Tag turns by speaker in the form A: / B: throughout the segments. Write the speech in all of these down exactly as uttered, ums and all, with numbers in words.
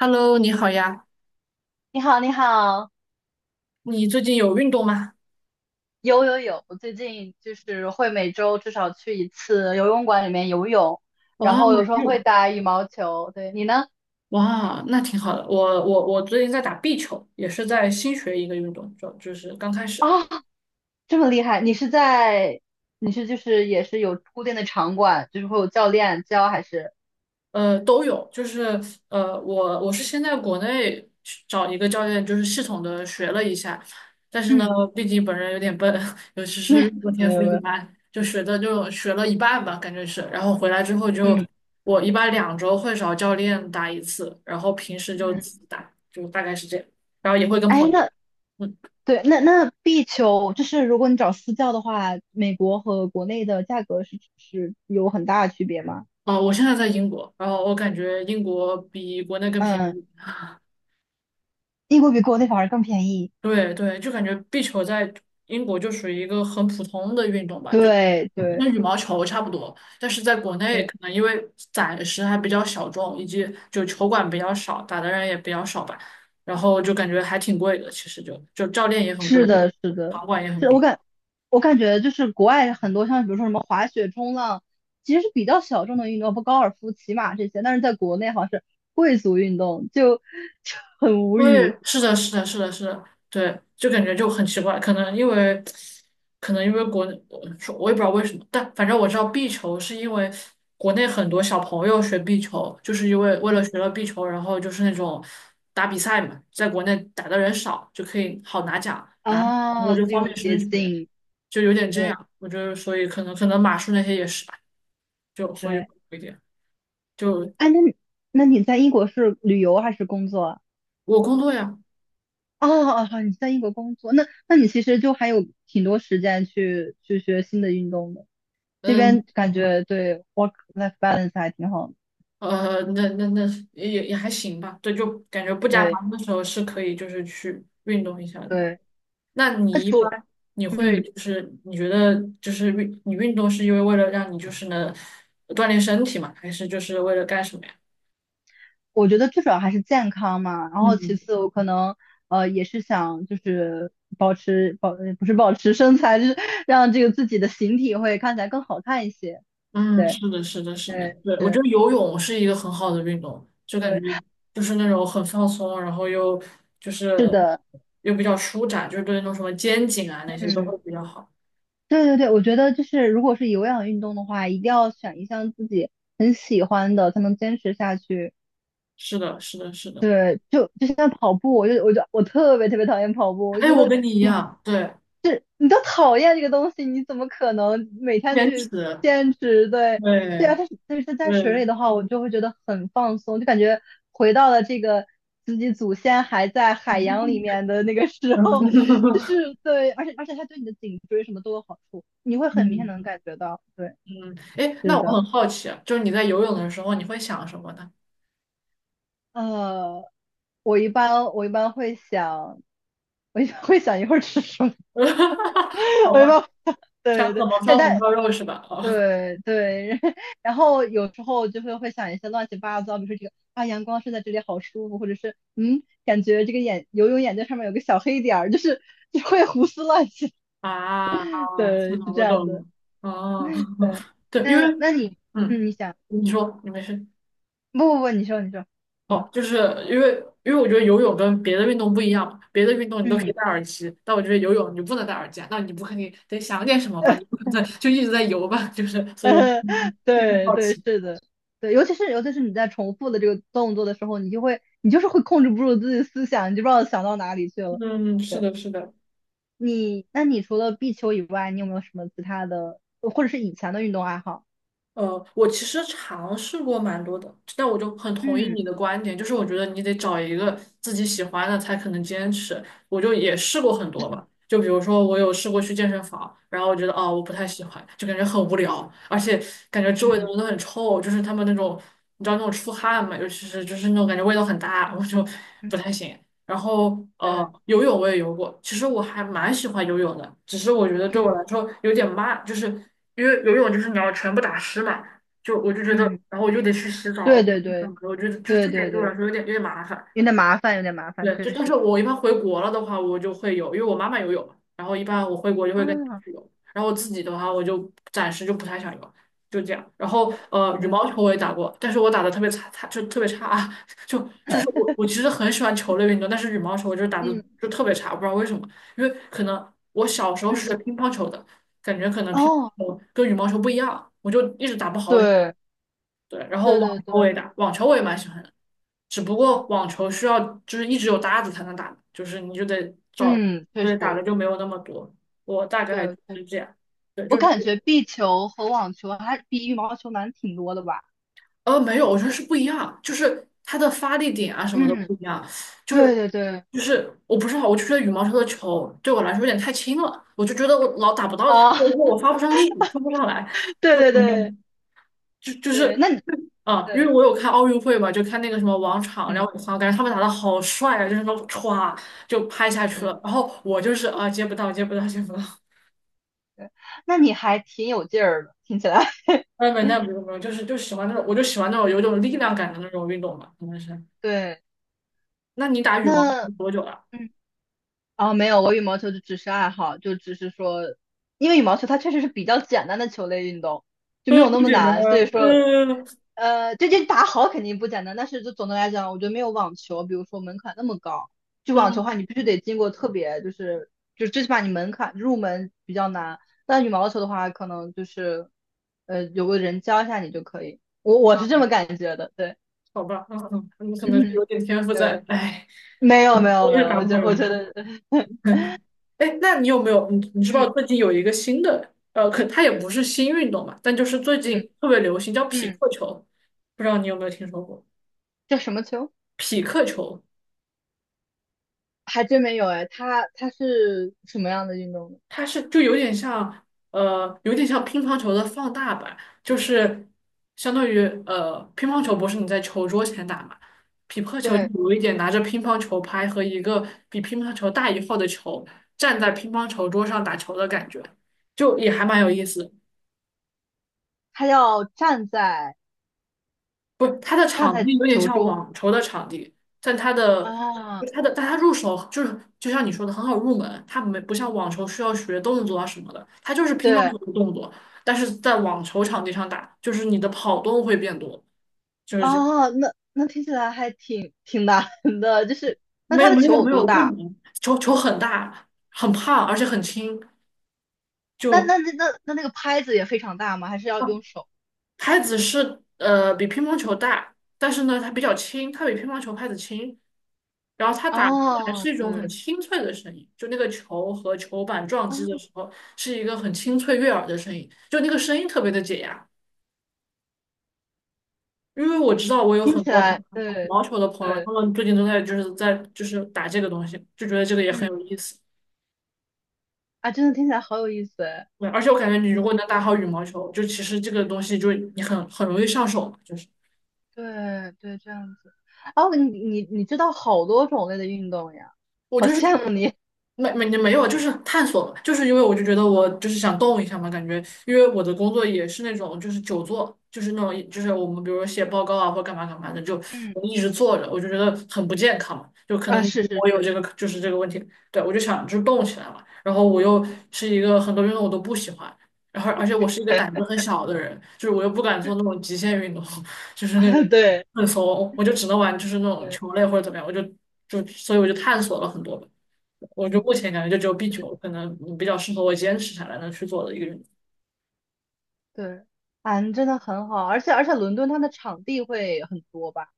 A: Hello，你好呀，
B: 你好，你好，
A: 你最近有运动吗？
B: 有有有，我最近就是会每周至少去一次游泳馆里面游泳，然
A: 哇，
B: 后
A: 有
B: 有时候
A: 运
B: 会打羽毛球。对，你呢？
A: 哇，那挺好的。我我我最近在打壁球，也是在新学一个运动，就就是刚开始。
B: 啊，这么厉害！你是在，你是就是也是有固定的场馆，就是会有教练教还是？
A: 呃，都有，就是呃，我我是先在国内去找一个教练，就是系统的学了一下，但是呢，
B: 嗯，
A: 毕竟本人有点笨，尤其
B: 那
A: 是运动天
B: 没
A: 赋
B: 有没
A: 一
B: 有，
A: 般，就学的就学了一半吧，感觉是，然后回来之后就
B: 嗯
A: 我一般两周会找教练打一次，然后平时就
B: 嗯，
A: 自己打，就大概是这样，然后也会跟朋
B: 哎，
A: 友打，
B: 那
A: 嗯，
B: 对，那那壁球就是如果你找私教的话，美国和国内的价格是是有很大的区别吗？
A: 哦，我现在在英国，然后我感觉英国比国内更便
B: 嗯，
A: 宜。
B: 英国比国内反而更便宜。
A: 对对，就感觉壁球在英国就属于一个很普通的运动吧，就
B: 对对。
A: 跟羽毛球差不多。但是在国内，可
B: 是
A: 能因为暂时还比较小众，以及就球馆比较少，打的人也比较少吧，然后就感觉还挺贵的。其实就就教练也很贵，
B: 是的，是的，
A: 场馆也很
B: 是我
A: 贵。
B: 感我感觉就是国外很多像比如说什么滑雪、冲浪，其实是比较小众的运动，不高尔夫、骑马这些，但是在国内好像是贵族运动，就 就很无语
A: 对，是的，是的，是的，是的，对，就感觉就很奇怪，可能因为，可能因为国内，呃说我也不知道为什么，但反正我知道壁球是因为国内很多小朋友学壁球，就是因为为了学了壁球，然后就是那种打比赛嘛，在国内打的人少，就可以好拿奖，拿我
B: 啊，
A: 就
B: 这
A: 方
B: 种
A: 便升
B: 捷
A: 学，
B: 径，
A: 就有点这
B: 对
A: 样，我觉得所以可能可能马术那些也是吧，就所以会
B: 对，
A: 有一点，就
B: 哎，那你那你在英国是旅游还是工作啊？
A: 我工作呀，
B: 哦哦，好你在英国工作，那那你其实就还有挺多时间去去学新的运动的，这
A: 嗯。
B: 边感觉对 work life balance 还挺好的，
A: 呃，那那那也也还行吧，对，就感觉不加
B: 对。
A: 班的时候是可以，就是去运动一下的。
B: 对，
A: 那
B: 那
A: 你一般
B: 除，
A: 你会
B: 嗯，
A: 就是你觉得就是运你运动是因为为了让你就是能锻炼身体嘛，还是就是为了干什么呀？
B: 我觉得最主要还是健康嘛，然后其
A: 嗯
B: 次我可能呃也是想就是保持保，呃不是保持身材，就是 让这个自己的形体会看起来更好看一些。
A: 嗯，
B: 对，
A: 是的，是的，是的，
B: 对，
A: 对，我觉
B: 是，
A: 得游泳是一个很好的运动，就感觉
B: 对，
A: 就是那种很放松，然后又就是
B: 是的，
A: 又比较舒展，就是对那种什么肩颈啊那些都
B: 嗯，
A: 会比较好。
B: 对对对，我觉得就是如果是有氧运动的话，一定要选一项自己很喜欢的，才能坚持下去。
A: 是的，是的，是的。
B: 对，就就像跑步，我就我就我特别特别讨厌跑步，我就
A: 哎，
B: 觉
A: 我
B: 得。
A: 跟你一样，对，
B: 是你都讨厌这个东西，你怎么可能每天
A: 坚持，
B: 去坚持？对，对啊，
A: 对
B: 但是但是在水
A: 对，
B: 里的话，我就会觉得很放松，就感觉回到了这个自己祖先还在海洋里面的那个时候，就 是对，而且而且它对你的颈椎什么都有好处，你会很明显
A: 嗯
B: 能感觉到。对，
A: 嗯，哎，那
B: 是
A: 我
B: 的，
A: 很好奇啊，就是你在游泳的时候，你会想什么呢？
B: 呃，我一般我一般会想，我一般会想一会儿吃什么。
A: 好
B: 没
A: 吧，
B: 办法，
A: 想
B: 对对
A: 怎
B: 对，
A: 么
B: 但
A: 烧红
B: 但
A: 烧肉是吧？哦
B: 对对，然后有时候就会会想一些乱七八糟，比如说这个啊，阳光射在这里好舒服，或者是嗯，感觉这个眼游泳眼镜上面有个小黑点儿，就是就会胡思乱想。
A: 啊，是
B: 对，
A: 的，
B: 是这
A: 我
B: 样
A: 懂了。
B: 的。
A: 哦，
B: 对，
A: 对，因为，
B: 那那你嗯，
A: 嗯，
B: 你想，
A: 你说，你没事。
B: 不不不，你说你说，嗯
A: 哦，就是因为因为我觉得游泳跟别的运动不一样嘛别的运动你都可以
B: 嗯。
A: 戴耳机，但我觉得游泳你不能戴耳机啊，那你不肯定得想点什么吧？你不 可能在就一直在游吧？就是，所以我 有点
B: 对
A: 好
B: 对，
A: 奇。
B: 是的，对，尤其是尤其是你在重复的这个动作的时候，你就会你就是会控制不住自己的思想，你就不知道想到哪里去了。
A: 嗯，是
B: 对
A: 的，是的，
B: 你，那你除了壁球以外，你有没有什么其他的，或者是以前的运动爱好？
A: 呃，我其实尝试过蛮多的，但我就很同意
B: 嗯
A: 你的观点，就是我觉得你得找一个自己喜欢的才可能坚持。我就也试过很多吧，就比如说我有试过去健身房，然后我觉得哦我不太
B: 嗯
A: 喜欢，就感觉很无聊，而且感觉周围的
B: 嗯
A: 人都很臭，就是他们那种你知道那种出汗嘛，尤其是就是那种感觉味道很大，我就
B: 嗯，
A: 不太行。然后呃，
B: 对，
A: 游泳我也游过，其实我还蛮喜欢游泳的，只是我觉得对我
B: 嗯
A: 来说有点慢，就是因为游泳就是你要全部打湿嘛，就我就觉得，
B: 嗯，
A: 然后我就得去洗澡，
B: 对
A: 我就
B: 对对
A: 我觉得就是
B: 对
A: 这点
B: 对
A: 对我
B: 对，
A: 来说有点有点麻烦。
B: 有点麻烦，有点麻烦，
A: 对，就
B: 确
A: 但是
B: 实。
A: 我一般回国了的话，我就会有，因为我妈妈有有嘛然后一般我回国就会跟她
B: 啊，
A: 去有，然后我自己的话，我就暂时就不太想有，就这样。然后
B: 嗯
A: 呃，羽
B: 对，
A: 毛球我也打过，但是我打的特别差，差就特别差啊，就就是我我其实很喜欢球类运动，但是羽毛球我就是打的
B: 嗯
A: 就特别差，不知道为什么，因为可能我小时候
B: 嗯
A: 是学
B: 嗯
A: 乒乓球的，感觉可能乒
B: 哦，
A: 乓球跟羽毛球不一样，我就一直打不好羽。
B: 对
A: 对，然后
B: 对
A: 网球
B: 对
A: 我也
B: 对，
A: 打，网球我也蛮喜欢的。只不
B: 嗯
A: 过网球需要就是一直有搭子才能打，就是你就得找，
B: 嗯，确
A: 对，打的
B: 实，
A: 就没有那么多。我大概就
B: 对。
A: 是这样，对，
B: 我
A: 就是
B: 感觉壁球和网球还比羽毛球难挺多的吧？
A: 呃没有，我觉得是不一样，就是它的发力点啊什么的
B: 嗯，
A: 不一样，就
B: 对
A: 是
B: 对对，
A: 就是我不知道，我就觉得羽毛球的球对我来说有点太轻了，我就觉得我老打不到它，
B: 啊，
A: 我我 发不上力，发不上来，
B: 对
A: 就
B: 对
A: 没有。
B: 对
A: 就就是
B: 对，那你
A: 啊，因为
B: 对，
A: 我有看奥运会嘛，就看那个什么王昶、廖
B: 嗯
A: 永康，感觉他们打的好帅啊，就是那种歘就拍下去
B: 嗯，
A: 了。然后我就是啊，接不到，接不到，接不到。
B: 对，那你还挺有劲儿的，听起来。
A: 哎，没那没有没有，就是就喜欢那种，我就喜欢那种有种力量感的那种运动嘛，可能是。
B: 对，
A: 那你打羽毛球
B: 那
A: 多久了？
B: 嗯，啊，没有，我羽毛球就只是爱好，就只是说，因为羽毛球它确实是比较简单的球类运动，就没
A: 嗯，
B: 有
A: 不
B: 那么
A: 简单
B: 难，所以
A: 啊，
B: 说，
A: 嗯
B: 呃，这这打好肯定不简单，但是就总的来讲，我觉得没有网球，比如说门槛那么高。就网球
A: 嗯，
B: 的话，你必须得经过特别，就是就最起码你门槛入门比较难。但羽毛球的话，可能就是呃有个人教一下你就可以。我我是这么感觉的，对，
A: 好吧，嗯嗯，你 可能是
B: 嗯，
A: 有点天赋在，
B: 对，
A: 哎，
B: 没有没有
A: 我
B: 没
A: 也
B: 有，
A: 打
B: 我
A: 不好
B: 觉我
A: 哟。
B: 觉得，
A: 毛哎，那你有没有你你知不知道
B: 嗯
A: 最近有一个新的呃，可它也不是新运动嘛，但就是最
B: 嗯
A: 近特别流行叫匹
B: 嗯，
A: 克球，不知道你有没有听说过？
B: 叫什么球？
A: 匹克球
B: 还真没有哎，它它是什么样的运动呢？
A: 它是就有点像呃，有点像乒乓球的放大版，就是相当于呃，乒乓球不是你在球桌前打嘛，匹克球就
B: 对，
A: 有一点拿着乒乓球拍和一个比乒乓球大一号的球站在乒乓球桌上打球的感觉，就也还蛮有意思
B: 它要站在
A: 不，它的
B: 站
A: 场
B: 在
A: 地有点
B: 球
A: 像
B: 桌
A: 网球的场地，但它的就
B: 啊。
A: 它的但它入手就是就像你说的很好入门，它没不像网球需要学动作啊什么的，它就是乒乓
B: 对，
A: 球的动作，但是在网球场地上打，就是你的跑动会变多，就是这样。
B: 哦，那那听起来还挺挺难的，就是那
A: 没
B: 它的
A: 没
B: 球
A: 有
B: 有
A: 没
B: 多
A: 有不
B: 大？
A: 能，球球很大，很胖，而且很轻，
B: 那
A: 就。
B: 那那那那那个拍子也非常大吗？还是要用手？
A: 拍子是呃比乒乓球大，但是呢它比较轻，它比乒乓球拍子轻，然后它打出来
B: 哦，
A: 是一种很
B: 对，
A: 清脆的声音，就那个球和球板撞击的
B: 啊、
A: 时候是一个很清脆悦耳的声音，就那个声音特别的解压。因为我知道我有
B: 听
A: 很
B: 起
A: 多打
B: 来
A: 羽
B: 对
A: 毛球的朋友，
B: 对，
A: 他们最近都在就是在就是打这个东西，就觉得这个也很
B: 嗯，
A: 有意思。
B: 啊，真的听起来好有意思哎，
A: 对，而且我感觉你如
B: 嗯，
A: 果能打好羽毛球，就其实这个东西就你很很容易上手嘛，就是
B: 对对，这样子，哦，你你你知道好多种类的运动呀，
A: 我
B: 好
A: 就是。
B: 羡慕你，
A: 没没没有，就是探索嘛，就是因为我就觉得我就是想动一下嘛，感觉因为我的工作也是那种就是久坐，就是那种就是我们比如说写报告啊或干嘛干嘛的，就
B: 嗯，
A: 我们一直坐着，我就觉得很不健康嘛，就可
B: 啊，
A: 能你
B: 是是
A: 我有
B: 是，
A: 这个就是这个问题，对我就想就是动起来嘛，然后我又是一个很多运动我都不喜欢，然后而且我是一个胆子很小的人，就是我又不敢做那种极限运动，就是那种
B: 对
A: 很怂，我就只能玩就是那种
B: 对，
A: 球类或者怎么样，我就就所以我就探索了很多吧我就
B: 嗯。
A: 目前感觉就只有壁球可能比较适合我坚持下来能去做的一个运动。
B: 对，嗯，真的很好，而且而且伦敦它的场地会很多吧？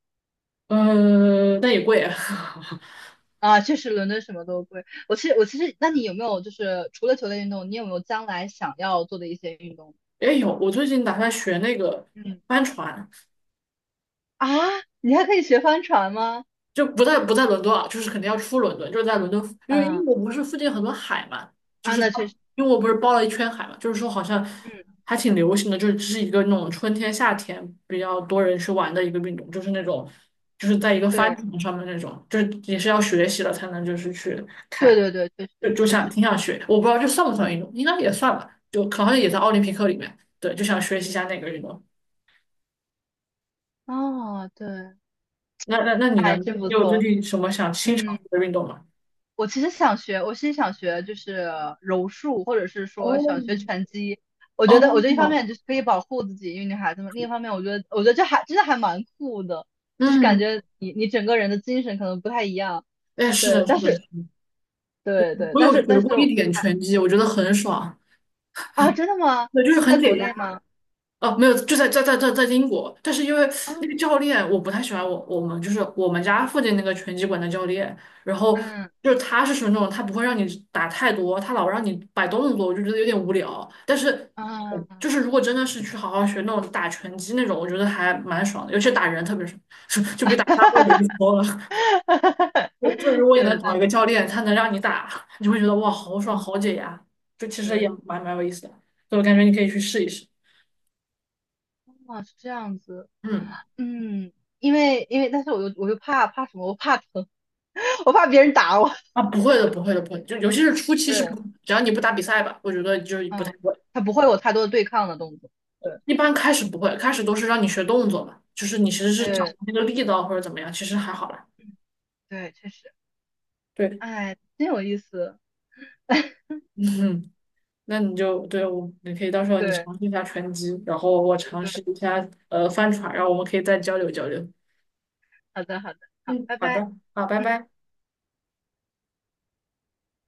A: 呃，但也贵啊。
B: 啊，确实伦敦什么都贵。我其实我其实，那你有没有就是除了球类运动，你有没有将来想要做的一些运动？
A: 也有，我最近打算学那个
B: 嗯，
A: 帆船，
B: 啊，你还可以学帆船吗？
A: 就不在不在伦敦啊，就是肯定要出伦敦，就是在伦敦，因为英
B: 嗯
A: 国不是附近很多海嘛，就
B: 啊，
A: 是
B: 那确
A: 它
B: 实，
A: 英国不是包了一圈海嘛，就是说好像
B: 嗯，
A: 还挺流行的，就是这是一个那种春天夏天比较多人去玩的一个运动，就是那种就是在一个帆
B: 对
A: 船上面那种，就是也是要学习了才能就是去
B: 对
A: 开。
B: 对对，确实
A: 就就
B: 确
A: 想
B: 实。
A: 挺想学，我不知道这算不算运动，应该也算吧，就好像也在奥林匹克里面。对，就想学习一下那个运动。
B: 哦，对，
A: 那那那你呢？
B: 哎，
A: 你
B: 真不
A: 有最
B: 错，
A: 近什么想新
B: 嗯。
A: 尝试的运动吗？
B: 我其实想学，我其实想学就是柔术，或者是说
A: 哦
B: 想学拳击。我觉得，我觉得一方
A: 哦，
B: 面就是可以保护自己，因为女孩子嘛；另一方面，我觉得，我觉得这还真的还蛮酷的，就是感
A: 嗯，
B: 觉你你整个人的精神可能不太一样。
A: 哎，是
B: 对，
A: 的，是
B: 但
A: 的，
B: 是对对，
A: 我
B: 但
A: 有
B: 是
A: 学
B: 但是
A: 过一点
B: 啊
A: 拳击，我觉得很爽，
B: 啊，真的吗？
A: 对，就是
B: 是在
A: 很解
B: 国
A: 压。
B: 内吗？
A: 哦，没有，就在在在在在英国，但是因为
B: 啊，
A: 那个教练我不太喜欢我我们就是我们家附近那个拳击馆的教练，然后
B: 嗯
A: 就是他是属于那种他不会让你打太多，他老让你摆动作，我就觉得有点无聊。但是嗯
B: 啊，
A: 就是如果真的是去好好学那种打拳击那种，我觉得还蛮爽的，尤其打人特别爽，就比打沙包有意思多了。就就 如果你能
B: 对对
A: 找一
B: 对，
A: 个教练，他能让你打，你就会觉得哇好爽
B: 嗯
A: 好解压，就其实也
B: 对，
A: 蛮蛮有意思的，所以我感觉你可以去试一试。
B: 啊是这样子，
A: 嗯。
B: 嗯，因为因为，但是我又我又怕怕什么？我怕疼。我怕别人打我。
A: 啊，不会的，不会的，不会的就尤其是初期是不，
B: 对，
A: 只要你不打比赛吧，我觉得就是不太
B: 嗯，
A: 会。
B: 他不会有太多的对抗的动作。对，
A: 一般开始不会，开始都是让你学动作嘛，就是你其实是掌握
B: 对
A: 那个力道或者怎么样，其实还好啦。
B: 对，确实，
A: 对，
B: 哎，真有意思。
A: 嗯，那你就对我，你可以到时候你
B: 对，
A: 尝试一下拳击，然后我尝
B: 对，
A: 试一下呃翻船，然后我们可以再交流交流。
B: 好的，好的，好，
A: 嗯，
B: 拜
A: 好
B: 拜。
A: 的，好，拜
B: 嗯。
A: 拜。